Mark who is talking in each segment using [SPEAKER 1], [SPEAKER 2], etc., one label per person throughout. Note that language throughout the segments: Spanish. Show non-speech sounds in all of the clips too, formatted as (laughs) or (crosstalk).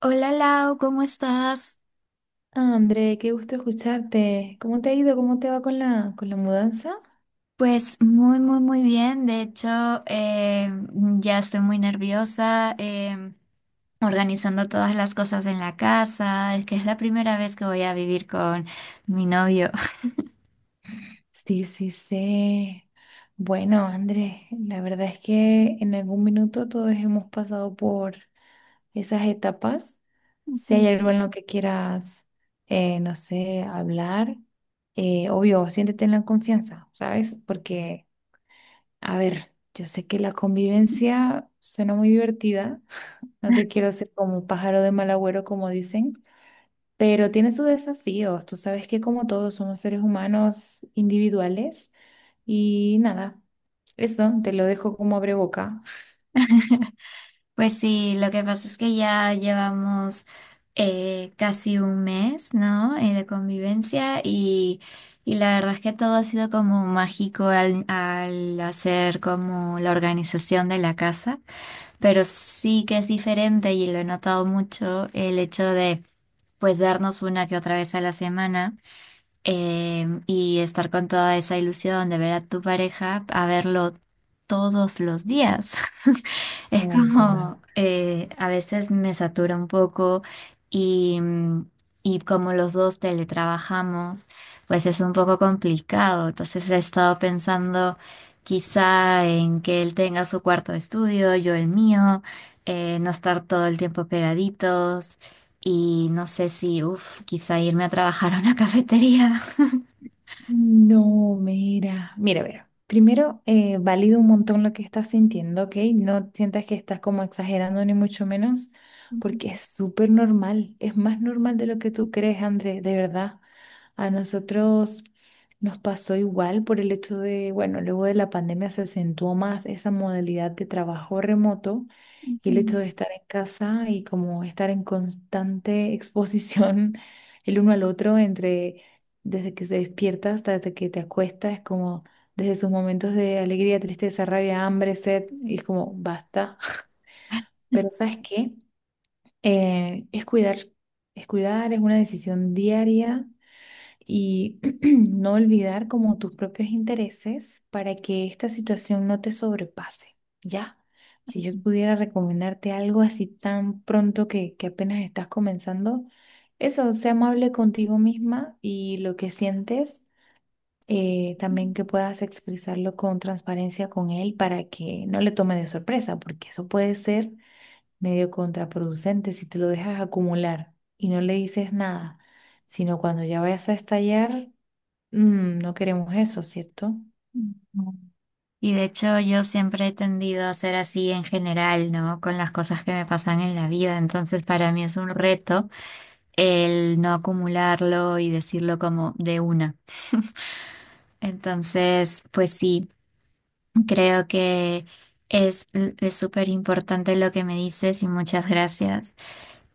[SPEAKER 1] Hola Lau, ¿cómo estás?
[SPEAKER 2] Ah, André, qué gusto escucharte. ¿Cómo te ha ido? ¿Cómo te va con la mudanza?
[SPEAKER 1] Pues muy, muy, muy bien. De hecho, eh, ya estoy muy nerviosa organizando todas las cosas en la casa. Es que es la primera vez que voy a vivir con mi novio.
[SPEAKER 2] Sí, sí, sí. Bueno, André, la verdad es que en algún minuto todos hemos pasado por esas etapas.
[SPEAKER 1] (laughs)
[SPEAKER 2] Si
[SPEAKER 1] Ujú.
[SPEAKER 2] hay algo en lo que quieras, no sé, hablar, obvio, siéntete en la confianza, ¿sabes? Porque, a ver, yo sé que la convivencia suena muy divertida. (laughs) No te quiero hacer como un pájaro de mal agüero, como dicen. Pero tiene sus desafíos. Tú sabes que como todos somos seres humanos individuales y nada, eso te lo dejo como abre boca.
[SPEAKER 1] Pues sí, lo que pasa es que ya llevamos casi un mes, ¿no? De convivencia y la verdad es que todo ha sido como mágico al hacer como la organización de la casa. Pero sí que es diferente y lo he notado mucho el hecho de pues vernos una que otra vez a la semana, y estar con toda esa ilusión de ver a tu pareja a verlo todos los días. Es
[SPEAKER 2] Tal cual.
[SPEAKER 1] como a veces me satura un poco y, mm, y como los dos teletrabajamos, pues es un poco complicado. Entonces he estado pensando quizá en que él tenga su cuarto de estudio, yo el mío, no estar todo el tiempo pegaditos y no sé si, uff, quizá irme a trabajar a una cafetería.
[SPEAKER 2] No, mira, mira, mira. Primero, valido un montón lo que estás sintiendo, ¿ok? No sientas que estás como exagerando ni mucho menos, porque es súper normal, es más normal de lo que tú crees, Andrés, de verdad. A nosotros nos pasó igual por el hecho de, bueno, luego de la pandemia se acentuó más esa modalidad de trabajo remoto. Y el hecho de estar en casa y como estar en constante exposición (laughs) el uno al otro entre desde que se despierta hasta desde que te acuestas, es como desde sus momentos de alegría, tristeza, rabia, hambre, sed, y es como basta. Pero ¿sabes qué? Es cuidar, es cuidar, es una decisión diaria y (clears throat) no olvidar como tus propios intereses para que esta situación no te sobrepase, ¿ya? Si yo pudiera recomendarte algo así tan pronto que apenas estás comenzando, eso, sea amable contigo misma y lo que sientes, también que puedas expresarlo con transparencia con él para que no le tome de sorpresa, porque eso puede ser medio contraproducente si te lo dejas acumular y no le dices nada, sino cuando ya vayas a estallar. No queremos eso, ¿cierto?
[SPEAKER 1] (laughs) Y de hecho yo siempre he tendido a ser así en general, ¿no? Con las cosas que me pasan en la vida. Entonces para mí es un reto el no acumularlo y decirlo como de una. Entonces, pues sí, creo que es súper importante lo que me dices y muchas gracias.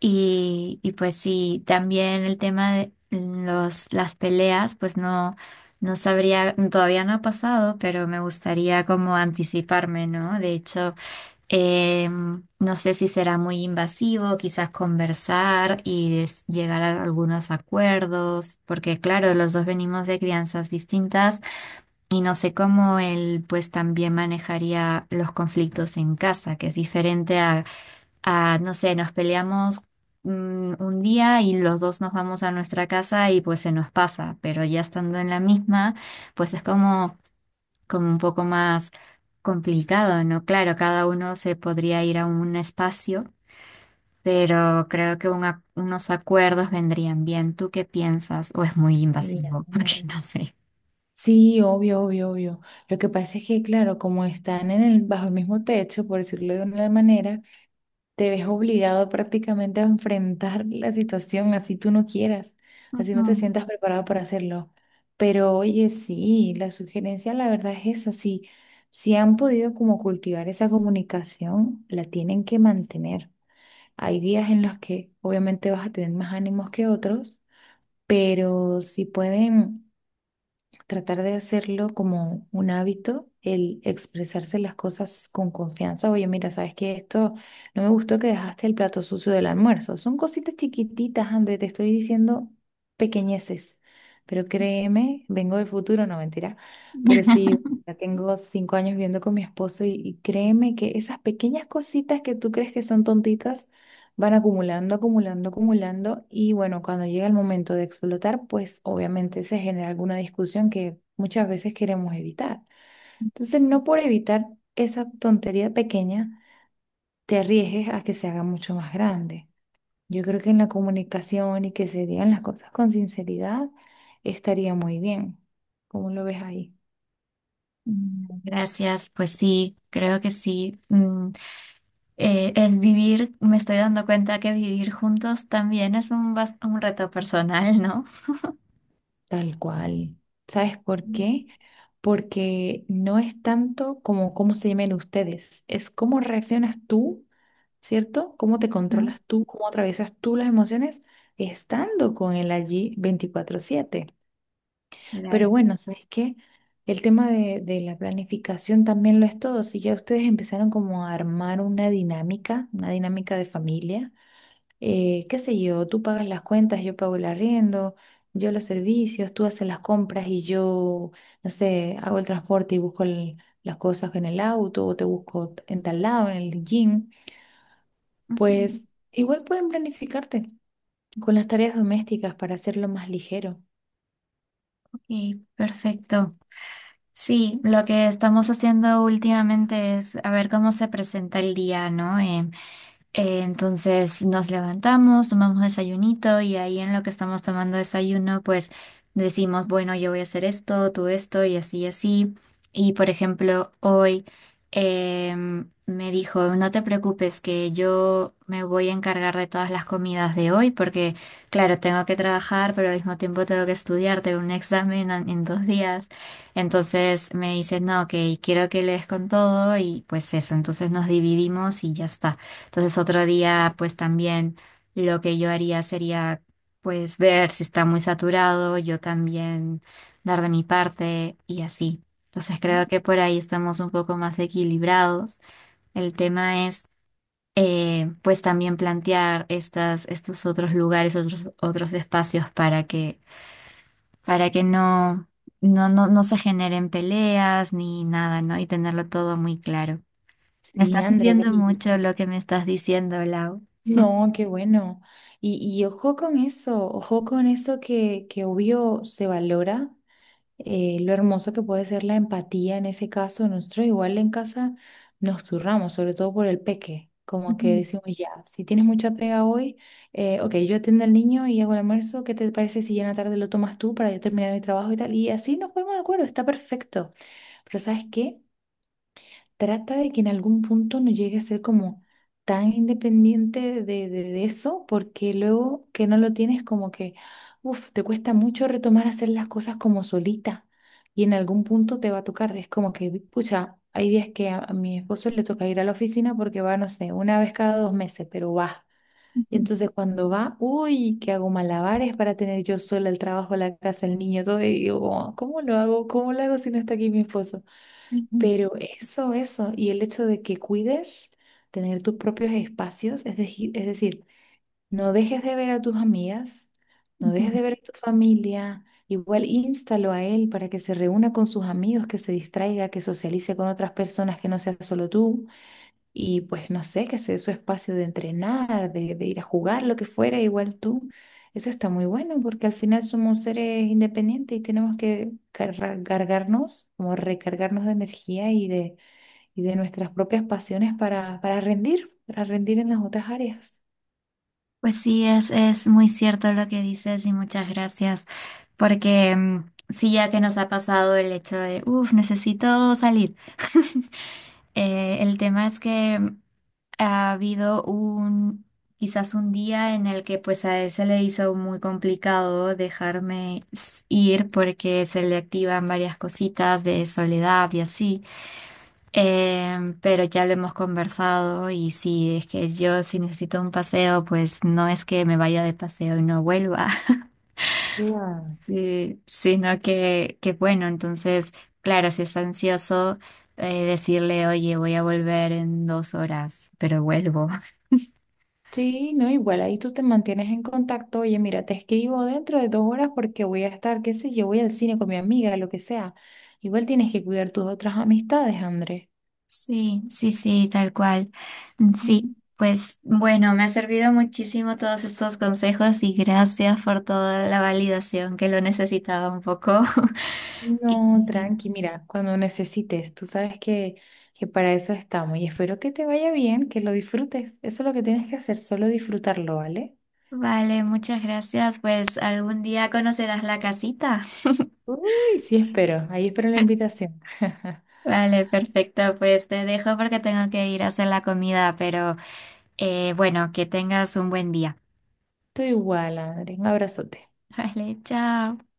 [SPEAKER 1] Y pues sí, también el tema de las peleas, pues no. No sabría, todavía no ha pasado, pero me gustaría como anticiparme, ¿no? De hecho, eh, no sé si será muy invasivo, quizás conversar y llegar a algunos acuerdos, porque claro, los dos venimos de crianzas distintas y no sé cómo él pues también manejaría los conflictos en casa, que es diferente a no sé, nos peleamos un día y los dos nos vamos a nuestra casa y pues se nos pasa, pero ya estando en la misma, pues es como un poco más complicado, ¿no? Claro, cada uno se podría ir a un espacio, pero creo que unos acuerdos vendrían bien. ¿Tú qué piensas? ¿O es muy invasivo? (laughs) Porque
[SPEAKER 2] Claro.
[SPEAKER 1] no sé.
[SPEAKER 2] Sí, obvio, obvio, obvio. Lo que pasa es que, claro, como están en el, bajo el mismo techo, por decirlo de una manera, te ves obligado prácticamente a enfrentar la situación así tú no quieras, así no te
[SPEAKER 1] Ujú.
[SPEAKER 2] sientas preparado para hacerlo. Pero oye, sí, la sugerencia la verdad es esa, sí, si han podido como cultivar esa comunicación, la tienen que mantener. Hay días en los que obviamente vas a tener más ánimos que otros, pero si pueden tratar de hacerlo como un hábito, el expresarse las cosas con confianza. Oye, mira, sabes que esto no me gustó, que dejaste el plato sucio del almuerzo. Son cositas chiquititas, André, te estoy diciendo pequeñeces, pero créeme, vengo del futuro, no mentira, pero sí. Ya tengo 5 años viviendo con mi esposo y créeme que esas pequeñas cositas que tú crees que son tontitas, van acumulando, acumulando, acumulando y bueno, cuando llega el momento de explotar, pues obviamente se genera alguna discusión que muchas veces queremos evitar. Entonces, no por evitar esa tontería pequeña, te arriesgues a que se haga mucho más grande. Yo creo que en la comunicación y que se digan las cosas con sinceridad estaría muy bien. ¿Cómo lo ves ahí?
[SPEAKER 1] Gracias, pues sí, creo que sí. El vivir, me estoy dando cuenta que vivir juntos también es un reto personal, ¿no?
[SPEAKER 2] Tal cual. ¿Sabes por
[SPEAKER 1] Sí.
[SPEAKER 2] qué? Porque no es tanto como cómo se llamen ustedes, es cómo reaccionas tú. ¿Cierto? ¿Cómo te
[SPEAKER 1] Ujú.
[SPEAKER 2] controlas tú? ¿Cómo atraviesas tú las emociones estando con él allí 24/7?
[SPEAKER 1] Claro.
[SPEAKER 2] Pero bueno, ¿sabes qué? El tema de la planificación también lo es todo. Si ya ustedes empezaron como a armar una dinámica de familia, qué sé yo, tú pagas las cuentas, yo pago el arriendo, yo los servicios, tú haces las compras y yo, no sé, hago el transporte y busco las cosas en el auto o te busco en tal lado, en el gym.
[SPEAKER 1] Ujú.
[SPEAKER 2] Pues igual pueden planificarte con las tareas domésticas para hacerlo más ligero.
[SPEAKER 1] Ok, perfecto. Sí, lo que estamos haciendo últimamente es a ver cómo se presenta el día, ¿no? Entonces nos levantamos, tomamos desayunito y ahí en lo que estamos tomando desayuno, pues decimos, bueno, yo voy a hacer esto, tú esto y así y así. Y por ejemplo, hoy me dijo, no te preocupes que yo me voy a encargar de todas las comidas de hoy porque, claro, tengo que trabajar, pero al mismo tiempo tengo que estudiar, tengo un examen en 2 días. Entonces me dice, no, ok, quiero que le des con todo y pues eso, entonces nos dividimos y ya está. Entonces otro día, pues también lo que yo haría sería, pues ver si está muy saturado, yo también dar de mi parte y así. Entonces
[SPEAKER 2] ¿Mm?
[SPEAKER 1] creo que por ahí estamos un poco más equilibrados. El tema es, pues también plantear estos otros lugares, otros espacios para que no se generen peleas ni nada, ¿no? Y tenerlo todo muy claro. Me
[SPEAKER 2] Sí,
[SPEAKER 1] está
[SPEAKER 2] André,
[SPEAKER 1] sirviendo mucho lo que me estás diciendo, Lau.
[SPEAKER 2] no, qué bueno. Y ojo con eso, ojo con eso, que obvio se valora lo hermoso que puede ser la empatía en ese caso. Nosotros igual en casa nos turramos, sobre todo por el peque. Como que
[SPEAKER 1] (laughs)
[SPEAKER 2] decimos, ya, si tienes mucha pega hoy, ok, yo atiendo al niño y hago el almuerzo, ¿qué te parece si ya en la tarde lo tomas tú para yo terminar mi trabajo y tal? Y así nos ponemos de acuerdo, está perfecto. Pero ¿sabes qué? Trata de que en algún punto no llegue a ser como tan independiente de eso, porque luego que no lo tienes como que, uff, te cuesta mucho retomar hacer las cosas como solita y en algún punto te va a tocar. Es como que, pucha, hay días que a mi esposo le toca ir a la oficina porque va, no sé, una vez cada 2 meses, pero va. Y entonces cuando va, uy, que hago malabares para tener yo sola el trabajo, la casa, el niño, todo, y digo, "Oh, ¿cómo lo hago? ¿Cómo lo hago si no está aquí mi esposo?"
[SPEAKER 1] Ujú,
[SPEAKER 2] Pero eso, y el hecho de que cuides tener tus propios espacios, es decir, no dejes de ver a tus amigas, no
[SPEAKER 1] ujú.
[SPEAKER 2] dejes de ver a tu familia, igual instalo a él para que se reúna con sus amigos, que se distraiga, que socialice con otras personas que no sea solo tú, y pues no sé, que se dé su espacio de entrenar, de ir a jugar, lo que fuera, igual tú. Eso está muy bueno porque al final somos seres independientes y tenemos que cargarnos, como recargarnos de energía y de nuestras propias pasiones para, para rendir en las otras áreas.
[SPEAKER 1] Pues sí, es muy cierto lo que dices y muchas gracias, porque sí, ya que nos ha pasado el hecho de, uff, necesito salir. (laughs) El tema es que ha habido quizás un día en el que pues a él se le hizo muy complicado dejarme ir porque se le activan varias cositas de soledad y así. Pero ya lo hemos conversado y si es que yo si necesito un paseo, pues no es que me vaya de paseo y no vuelva, (laughs)
[SPEAKER 2] Claro.
[SPEAKER 1] sí, sino que bueno, entonces, claro, si es ansioso, decirle, oye, voy a volver en 2 horas, pero vuelvo. (laughs)
[SPEAKER 2] Sí, no, igual ahí tú te mantienes en contacto. Oye, mira, te escribo dentro de 2 horas porque voy a estar, qué sé yo, voy al cine con mi amiga, lo que sea. Igual tienes que cuidar tus otras amistades, André.
[SPEAKER 1] Sí, sí, sí, tal cual. Sí,
[SPEAKER 2] Mm.
[SPEAKER 1] pues bueno, me ha servido muchísimo todos estos consejos y gracias por toda la validación que lo necesitaba un poco. (laughs)
[SPEAKER 2] No,
[SPEAKER 1] Y
[SPEAKER 2] tranqui, mira, cuando necesites, tú sabes que para eso estamos y espero que te vaya bien, que lo disfrutes. Eso es lo que tienes que hacer, solo disfrutarlo, ¿vale?
[SPEAKER 1] Vale, muchas gracias. Pues algún día conocerás la casita.
[SPEAKER 2] Uy, sí, espero, ahí espero la invitación. (laughs)
[SPEAKER 1] Vale, perfecto. Pues te dejo porque tengo que ir a hacer la comida, pero bueno, que tengas un buen día.
[SPEAKER 2] Estoy igual, Adri. Un abrazote.
[SPEAKER 1] (laughs) Vale, chao.